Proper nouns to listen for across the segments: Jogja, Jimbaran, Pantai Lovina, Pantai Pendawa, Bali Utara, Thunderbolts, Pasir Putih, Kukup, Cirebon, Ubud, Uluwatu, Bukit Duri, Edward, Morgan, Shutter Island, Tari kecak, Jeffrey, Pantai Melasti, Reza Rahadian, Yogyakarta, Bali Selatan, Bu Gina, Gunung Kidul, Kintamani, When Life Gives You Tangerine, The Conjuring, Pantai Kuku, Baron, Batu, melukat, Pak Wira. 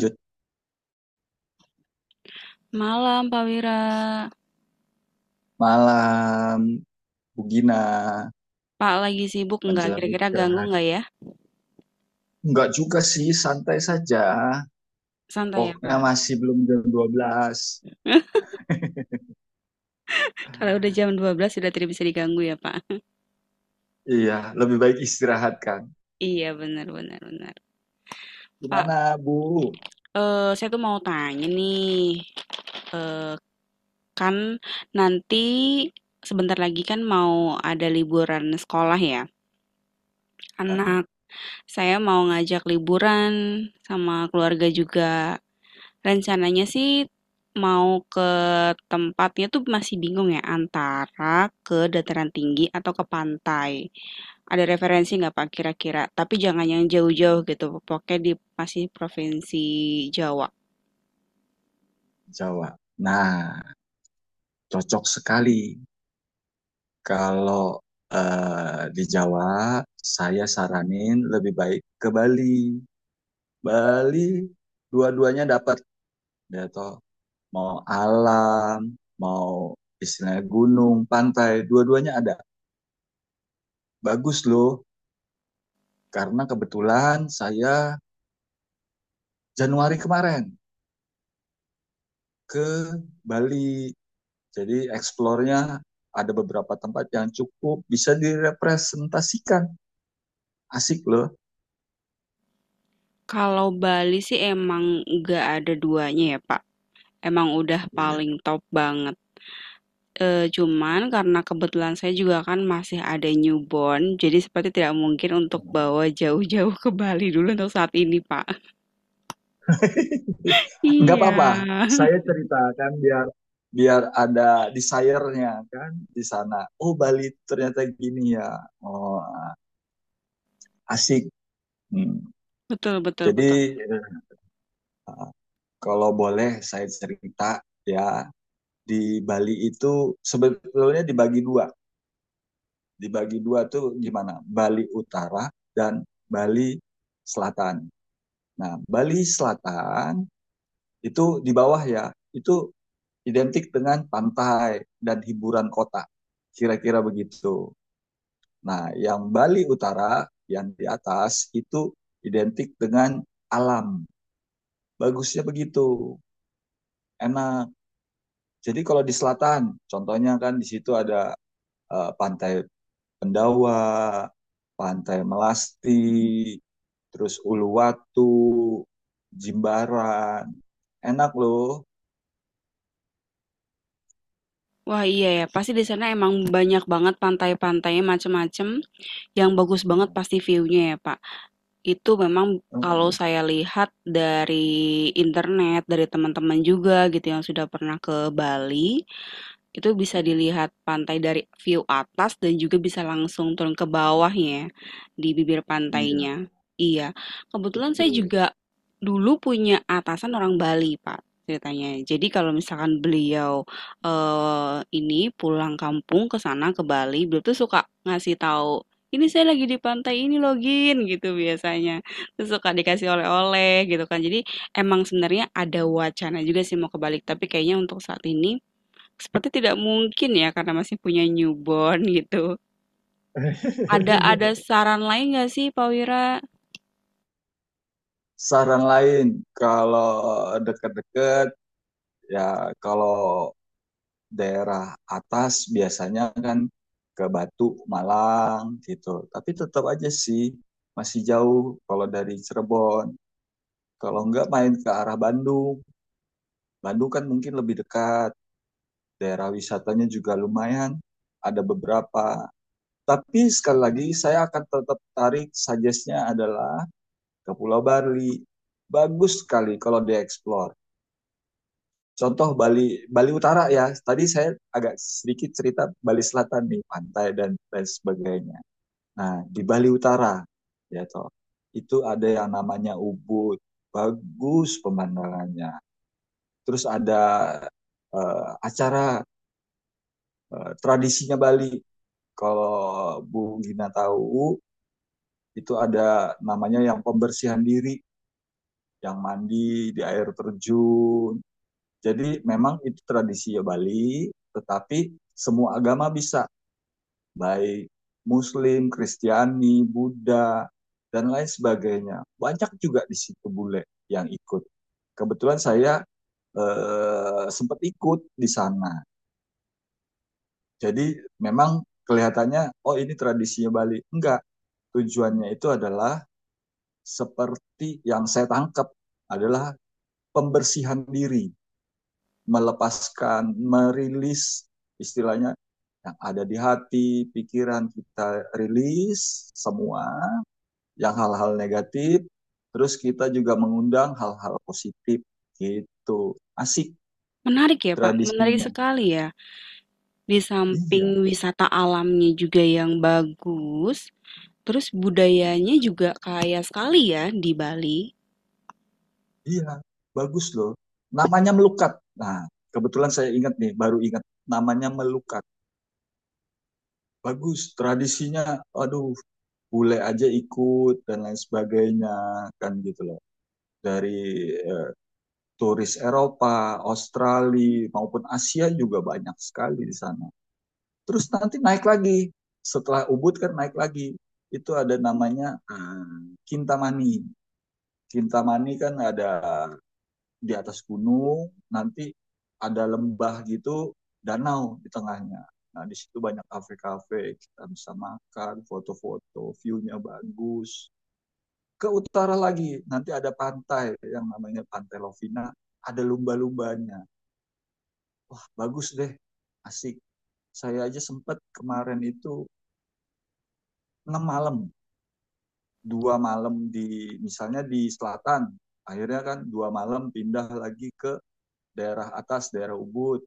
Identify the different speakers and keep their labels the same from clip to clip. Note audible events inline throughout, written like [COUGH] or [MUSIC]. Speaker 1: Lanjut.
Speaker 2: Malam, Pak Wira.
Speaker 1: Malam, Bu Gina,
Speaker 2: Pak lagi sibuk nggak?
Speaker 1: menjelang
Speaker 2: Kira-kira ganggu
Speaker 1: istirahat.
Speaker 2: nggak ya?
Speaker 1: Enggak juga sih, santai saja.
Speaker 2: Santai ya,
Speaker 1: Pokoknya
Speaker 2: Pak.
Speaker 1: masih belum jam 12.
Speaker 2: [LAUGHS] Kalau udah jam 12 sudah tidak bisa diganggu ya, Pak.
Speaker 1: Iya, lebih baik istirahat kan.
Speaker 2: Iya, benar benar benar. Pak,
Speaker 1: Gimana, Bu?
Speaker 2: saya tuh mau tanya nih. Eh, Kan nanti sebentar lagi kan mau ada liburan sekolah ya.
Speaker 1: Eh,
Speaker 2: Anak saya mau ngajak liburan sama keluarga juga. Rencananya sih mau ke tempatnya tuh masih bingung ya antara ke dataran tinggi atau ke pantai. Ada referensi nggak, Pak, kira-kira? Tapi jangan yang jauh-jauh gitu, pokoknya di masih provinsi Jawa.
Speaker 1: Jawa. Nah, cocok sekali kalau di Jawa saya saranin lebih baik ke Bali. Bali dua-duanya dapat, ya toh. Mau alam, mau istilahnya gunung, pantai, dua-duanya ada. Bagus loh, karena kebetulan saya Januari kemarin ke Bali. Jadi eksplornya ada beberapa tempat yang cukup bisa direpresentasikan. Asik loh.
Speaker 2: Kalau Bali sih emang nggak ada duanya ya, Pak. Emang udah
Speaker 1: Iya.
Speaker 2: paling top banget. Cuman karena kebetulan saya juga kan masih ada newborn, jadi seperti tidak mungkin untuk bawa jauh-jauh ke Bali dulu untuk saat ini, Pak.
Speaker 1: [LAUGHS] Nggak
Speaker 2: Iya,
Speaker 1: apa-apa,
Speaker 2: [LAUGHS]
Speaker 1: saya ceritakan biar biar ada desire-nya kan di sana. Oh, Bali ternyata gini ya. Oh, asik. Hmm.
Speaker 2: betul betul
Speaker 1: Jadi
Speaker 2: betul.
Speaker 1: kalau boleh saya cerita, ya, di Bali itu sebetulnya dibagi dua. Dibagi dua tuh gimana? Bali Utara dan Bali Selatan. Nah, Bali Selatan itu di bawah ya, itu identik dengan pantai dan hiburan kota. Kira-kira begitu. Nah, yang Bali Utara yang di atas itu identik dengan alam. Bagusnya begitu, enak. Jadi kalau di selatan, contohnya kan di situ ada Pantai Pendawa, Pantai Melasti, terus Uluwatu, Jimbaran. Enak loh.
Speaker 2: Wah, iya ya, pasti di sana emang banyak banget pantai-pantainya macem-macem, yang bagus banget
Speaker 1: Mm,
Speaker 2: pasti view-nya ya, Pak. Itu memang kalau
Speaker 1: mm,
Speaker 2: saya lihat dari internet, dari teman-teman juga gitu yang sudah pernah ke Bali, itu bisa
Speaker 1: mm.
Speaker 2: dilihat pantai dari view atas dan juga bisa langsung turun ke bawahnya di bibir pantainya.
Speaker 1: Iya,
Speaker 2: Iya, kebetulan saya
Speaker 1: betul.
Speaker 2: juga dulu punya atasan orang Bali, Pak, ceritanya. Jadi kalau misalkan beliau eh ini pulang kampung ke sana ke Bali, beliau tuh suka ngasih tahu, ini saya lagi di pantai ini login gitu biasanya. Terus suka dikasih oleh-oleh gitu kan. Jadi emang sebenarnya ada wacana juga sih mau ke Bali, tapi kayaknya untuk saat ini seperti tidak mungkin ya karena masih punya newborn [LAUGHS] gitu. Ada
Speaker 1: [LAUGHS]
Speaker 2: ada saran lain nggak sih, Pak Wira?
Speaker 1: Saran lain, kalau deket-deket, ya, kalau daerah atas biasanya kan ke Batu, Malang gitu. Tapi tetap aja sih masih jauh kalau dari Cirebon. Kalau nggak main ke arah Bandung. Bandung kan mungkin lebih dekat. Daerah wisatanya juga lumayan. Ada beberapa. Tapi sekali lagi saya akan tetap tarik suggest-nya adalah ke Pulau Bali. Bagus sekali kalau dieksplor. Contoh Bali Bali Utara, ya. Tadi saya agak sedikit cerita Bali Selatan nih, pantai dan lain sebagainya. Nah, di Bali Utara, ya toh. Itu ada yang namanya Ubud. Bagus pemandangannya. Terus ada acara, tradisinya Bali. Kalau Bu Gina tahu, itu ada namanya yang pembersihan diri, yang mandi di air terjun. Jadi memang itu tradisi ya Bali, tetapi semua agama bisa, baik Muslim, Kristiani, Buddha, dan lain sebagainya. Banyak juga di situ bule yang ikut. Kebetulan saya sempat ikut di sana. Jadi memang kelihatannya, oh, ini tradisinya Bali. Enggak, tujuannya itu adalah seperti yang saya tangkap adalah pembersihan diri. Melepaskan, merilis istilahnya yang ada di hati, pikiran kita rilis semua yang hal-hal negatif, terus kita juga mengundang hal-hal positif gitu. Asik
Speaker 2: Menarik ya, Pak, menarik
Speaker 1: tradisinya.
Speaker 2: sekali ya. Di samping
Speaker 1: Iya,
Speaker 2: wisata alamnya juga yang bagus, terus budayanya juga kaya sekali ya di Bali.
Speaker 1: iya, bagus loh. Namanya melukat. Nah, kebetulan saya ingat nih, baru ingat namanya melukat. Bagus, tradisinya, aduh, bule aja ikut dan lain sebagainya kan gitu loh. Dari e, turis Eropa, Australia maupun Asia juga banyak sekali di sana. Terus nanti naik lagi, setelah Ubud kan naik lagi, itu ada namanya Kintamani. Kintamani kan ada di atas gunung, nanti ada lembah gitu, danau di tengahnya. Nah, di situ banyak kafe-kafe, kita bisa makan, foto-foto, view-nya bagus. Ke utara lagi, nanti ada pantai yang namanya Pantai Lovina, ada lumba-lumbanya. Wah, bagus deh, asik. Saya aja sempet kemarin itu 6 malam. 2 malam di, misalnya, di selatan, akhirnya kan 2 malam pindah lagi ke daerah atas, daerah Ubud.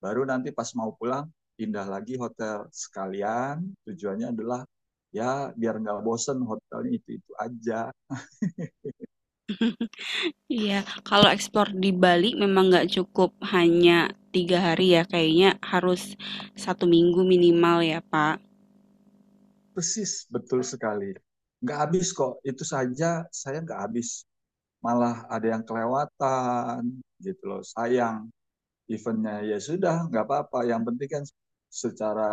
Speaker 1: Baru nanti pas mau pulang pindah lagi hotel, sekalian. Tujuannya adalah ya biar nggak bosen hotelnya itu aja.
Speaker 2: Iya, kalau eksplor di Bali memang nggak cukup hanya 3 hari ya, kayaknya harus 1 minggu minimal ya, Pak.
Speaker 1: Persis, betul sekali. Nggak habis kok, itu saja saya nggak habis, malah ada yang kelewatan gitu loh. Sayang eventnya, ya sudah, nggak apa-apa. Yang penting kan secara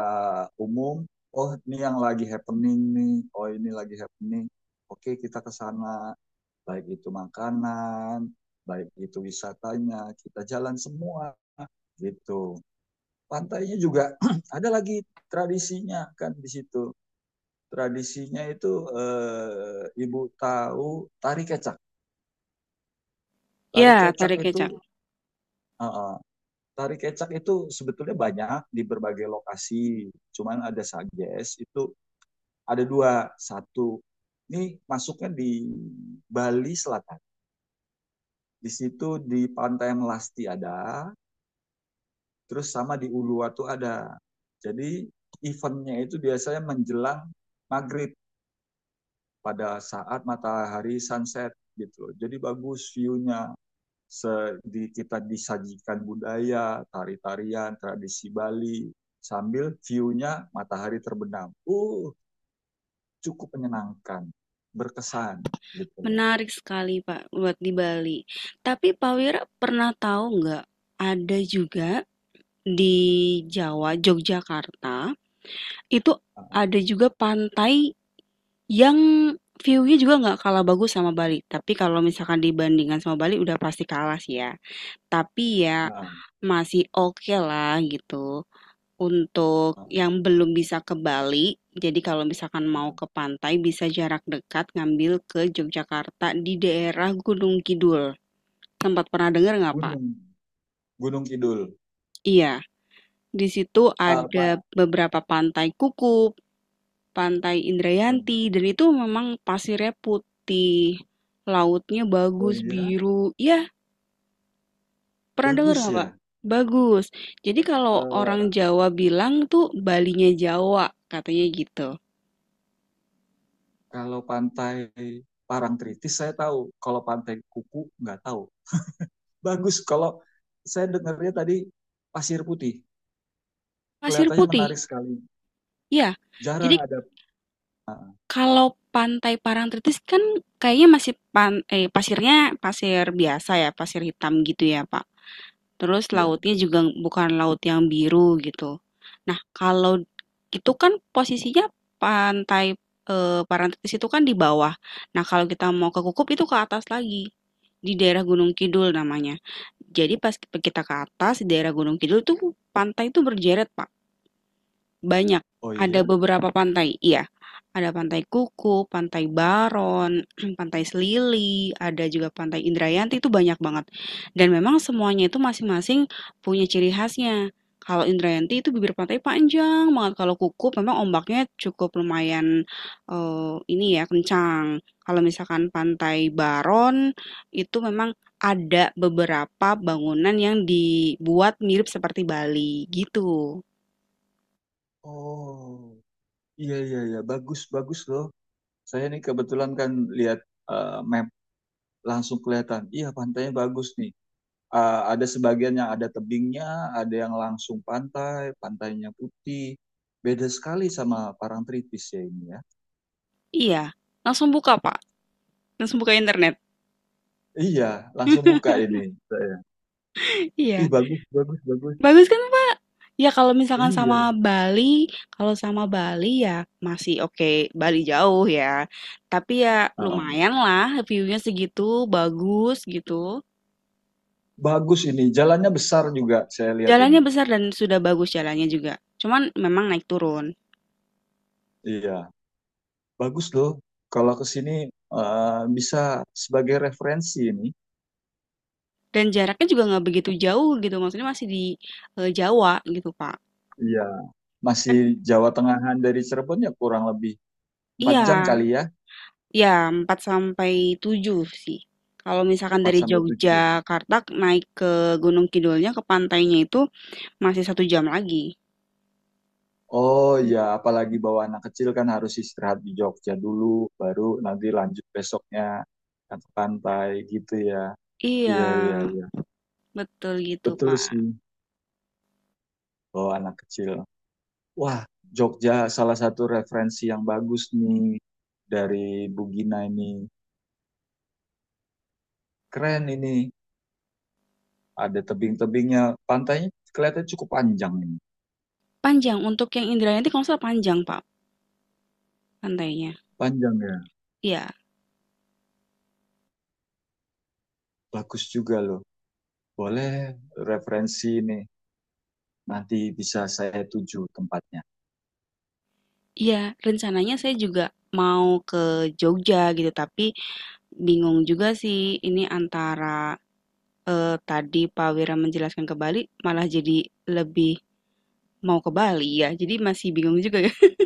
Speaker 1: umum, oh, ini yang lagi happening nih, oh, ini lagi happening, oke, kita ke sana. Baik itu makanan, baik itu wisatanya, kita jalan semua gitu. Pantainya juga [CLEARS THROAT] ada lagi tradisinya kan di situ. Tradisinya itu, ibu tahu tari kecak? tari
Speaker 2: Ya,
Speaker 1: kecak itu
Speaker 2: tariknya
Speaker 1: eh, eh, Tari kecak itu sebetulnya banyak di berbagai lokasi. Cuman ada suggest itu ada dua. Satu, ini masuknya di Bali Selatan. Di situ di Pantai Melasti ada, terus sama di Uluwatu ada. Jadi eventnya itu biasanya menjelang maghrib, pada saat matahari sunset gitu. Jadi bagus view-nya. Kita disajikan budaya, tari-tarian, tradisi Bali, sambil view-nya matahari terbenam. Cukup menyenangkan, berkesan gitu loh.
Speaker 2: menarik sekali, Pak, buat di Bali. Tapi Pak Wira pernah tahu nggak, ada juga di Jawa, Yogyakarta, itu
Speaker 1: Ah,
Speaker 2: ada juga pantai yang view-nya juga nggak kalah bagus sama Bali. Tapi kalau misalkan dibandingkan sama Bali udah pasti kalah sih ya. Tapi ya
Speaker 1: ah,
Speaker 2: masih oke lah gitu. Untuk
Speaker 1: ah,
Speaker 2: yang belum bisa ke Bali, jadi kalau misalkan
Speaker 1: ah,
Speaker 2: mau
Speaker 1: ah.
Speaker 2: ke pantai bisa jarak dekat ngambil ke Yogyakarta di daerah Gunung Kidul. Sempat pernah dengar nggak, Pak?
Speaker 1: Gunung, Gunung Kidul.
Speaker 2: Iya, di situ
Speaker 1: Ah,
Speaker 2: ada
Speaker 1: Pak.
Speaker 2: beberapa pantai Kukup, pantai Indrayanti, dan itu memang pasirnya putih, lautnya
Speaker 1: Oh,
Speaker 2: bagus,
Speaker 1: iya,
Speaker 2: biru. Ya, pernah dengar
Speaker 1: bagus
Speaker 2: nggak, Pak?
Speaker 1: ya.
Speaker 2: Bagus. Jadi kalau orang
Speaker 1: Eh,
Speaker 2: Jawa bilang tuh Balinya Jawa, katanya gitu.
Speaker 1: Kalau pantai Parangtritis saya tahu, kalau pantai Kuku nggak tahu. Bagus, kalau saya dengarnya tadi Pasir Putih,
Speaker 2: Pasir
Speaker 1: kelihatannya
Speaker 2: putih.
Speaker 1: menarik sekali.
Speaker 2: Iya, jadi
Speaker 1: Jarang ada.
Speaker 2: kalau Pantai Parangtritis kan kayaknya masih pan eh pasirnya pasir biasa ya, pasir hitam gitu ya, Pak. Terus
Speaker 1: Iya.
Speaker 2: lautnya juga bukan laut yang biru gitu. Nah, kalau itu kan posisinya Pantai Parangtritis itu kan di bawah. Nah, kalau kita mau ke Kukup itu ke atas lagi, di daerah Gunung Kidul namanya. Jadi pas kita ke atas di daerah Gunung Kidul tuh pantai itu berjejer, Pak. Banyak,
Speaker 1: Oh,
Speaker 2: ada
Speaker 1: iya?
Speaker 2: beberapa pantai, iya. Ada Pantai kuku Pantai Baron, [CLEARS THROAT] Pantai Selili, ada juga Pantai Indrayanti, itu banyak banget. Dan memang semuanya itu masing-masing punya ciri khasnya. Kalau Indrayanti itu bibir pantai panjang banget. Kalau kuku memang ombaknya cukup lumayan ini ya, kencang. Kalau misalkan Pantai Baron itu memang ada beberapa bangunan yang dibuat mirip seperti Bali gitu.
Speaker 1: Oh. Iya, iya, iya, bagus bagus loh. Saya nih kebetulan kan lihat map, langsung kelihatan. Iya, pantainya bagus nih. Ada sebagian yang ada tebingnya, ada yang langsung pantai, pantainya putih. Beda sekali sama Parangtritis ya ini ya.
Speaker 2: Iya, langsung buka, Pak. Langsung buka internet.
Speaker 1: Iya, langsung buka ini saya.
Speaker 2: Iya.
Speaker 1: Ih, bagus bagus bagus.
Speaker 2: Bagus kan, Pak? Ya kalau misalkan
Speaker 1: Iya.
Speaker 2: sama Bali, kalau sama Bali ya masih oke, Bali jauh ya. Tapi ya
Speaker 1: Heeh.
Speaker 2: lumayan lah, view-nya segitu, bagus gitu.
Speaker 1: Bagus ini, jalannya besar juga saya lihat ini.
Speaker 2: Jalannya besar dan sudah bagus jalannya juga. Cuman memang naik turun.
Speaker 1: Iya. Bagus loh kalau ke sini, bisa sebagai referensi ini.
Speaker 2: Dan jaraknya juga nggak begitu jauh gitu, maksudnya masih di Jawa gitu, Pak.
Speaker 1: Iya. Masih
Speaker 2: Kan
Speaker 1: Jawa Tengahan. Dari Cirebon ya kurang lebih 4
Speaker 2: iya,
Speaker 1: jam kali ya,
Speaker 2: ya, 4 sampai 7 sih. Kalau misalkan
Speaker 1: 4
Speaker 2: dari
Speaker 1: sampai 7.
Speaker 2: Yogyakarta naik ke Gunung Kidulnya ke pantainya itu masih 1 jam lagi.
Speaker 1: Oh ya, apalagi bawa anak kecil kan harus istirahat di Jogja dulu, baru nanti lanjut besoknya kan ke pantai gitu ya.
Speaker 2: Iya,
Speaker 1: Iya, iya, iya.
Speaker 2: betul gitu,
Speaker 1: Betul
Speaker 2: Pak.
Speaker 1: sih, bawa anak kecil. Wah, Jogja salah satu referensi yang bagus nih dari Bugina ini. Keren ini. Ada tebing-tebingnya. Pantainya kelihatan cukup panjang ini.
Speaker 2: Panjang untuk yang Indrayani itu kalau nggak salah panjang, Pak, pantainya.
Speaker 1: Panjang ya.
Speaker 2: Iya,
Speaker 1: Bagus juga loh. Boleh, referensi nih. Nanti bisa saya tuju tempatnya.
Speaker 2: iya, rencananya saya juga mau ke Jogja gitu, tapi bingung juga sih ini antara tadi Pak Wira menjelaskan ke Bali malah jadi lebih mau ke Bali ya. Jadi masih bingung juga ya. [LAUGHS]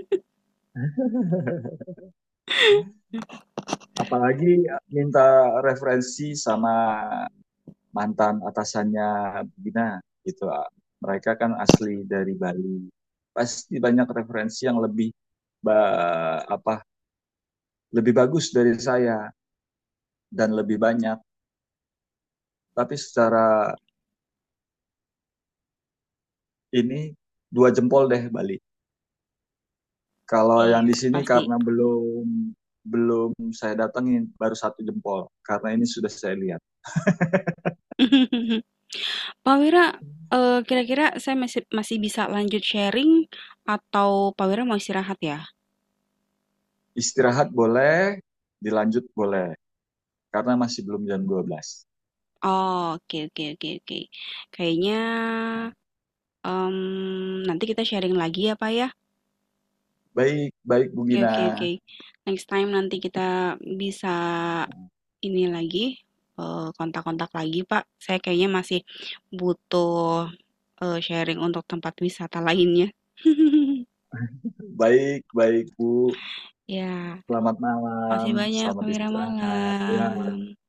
Speaker 1: [LAUGHS] Apalagi minta referensi sama mantan atasannya Gina gitu. Mereka kan asli dari Bali. Pasti banyak referensi yang lebih apa, lebih bagus dari saya dan lebih banyak. Tapi secara ini, dua jempol deh Bali. Kalau yang
Speaker 2: Iya,
Speaker 1: di sini
Speaker 2: pasti.
Speaker 1: karena belum belum saya datengin, baru satu jempol. Karena ini sudah saya lihat.
Speaker 2: [LAUGHS] Pak Wira, kira-kira saya masih masih bisa lanjut sharing atau Pak Wira mau istirahat ya?
Speaker 1: Istirahat boleh, dilanjut boleh. Karena masih belum jam dua belas.
Speaker 2: Oh, oke oke oke oke. Kayaknya nanti kita sharing lagi ya, Pak, ya.
Speaker 1: Baik, baik Bu
Speaker 2: Oke
Speaker 1: Gina.
Speaker 2: oke oke. Next time nanti kita bisa ini lagi kontak-kontak lagi, Pak. Saya kayaknya masih butuh sharing untuk tempat wisata lainnya. [LAUGHS]
Speaker 1: Baik, baik Bu.
Speaker 2: Ya,
Speaker 1: Selamat malam,
Speaker 2: kasih banyak
Speaker 1: selamat
Speaker 2: Pak Wira
Speaker 1: istirahat. Ya.
Speaker 2: malam.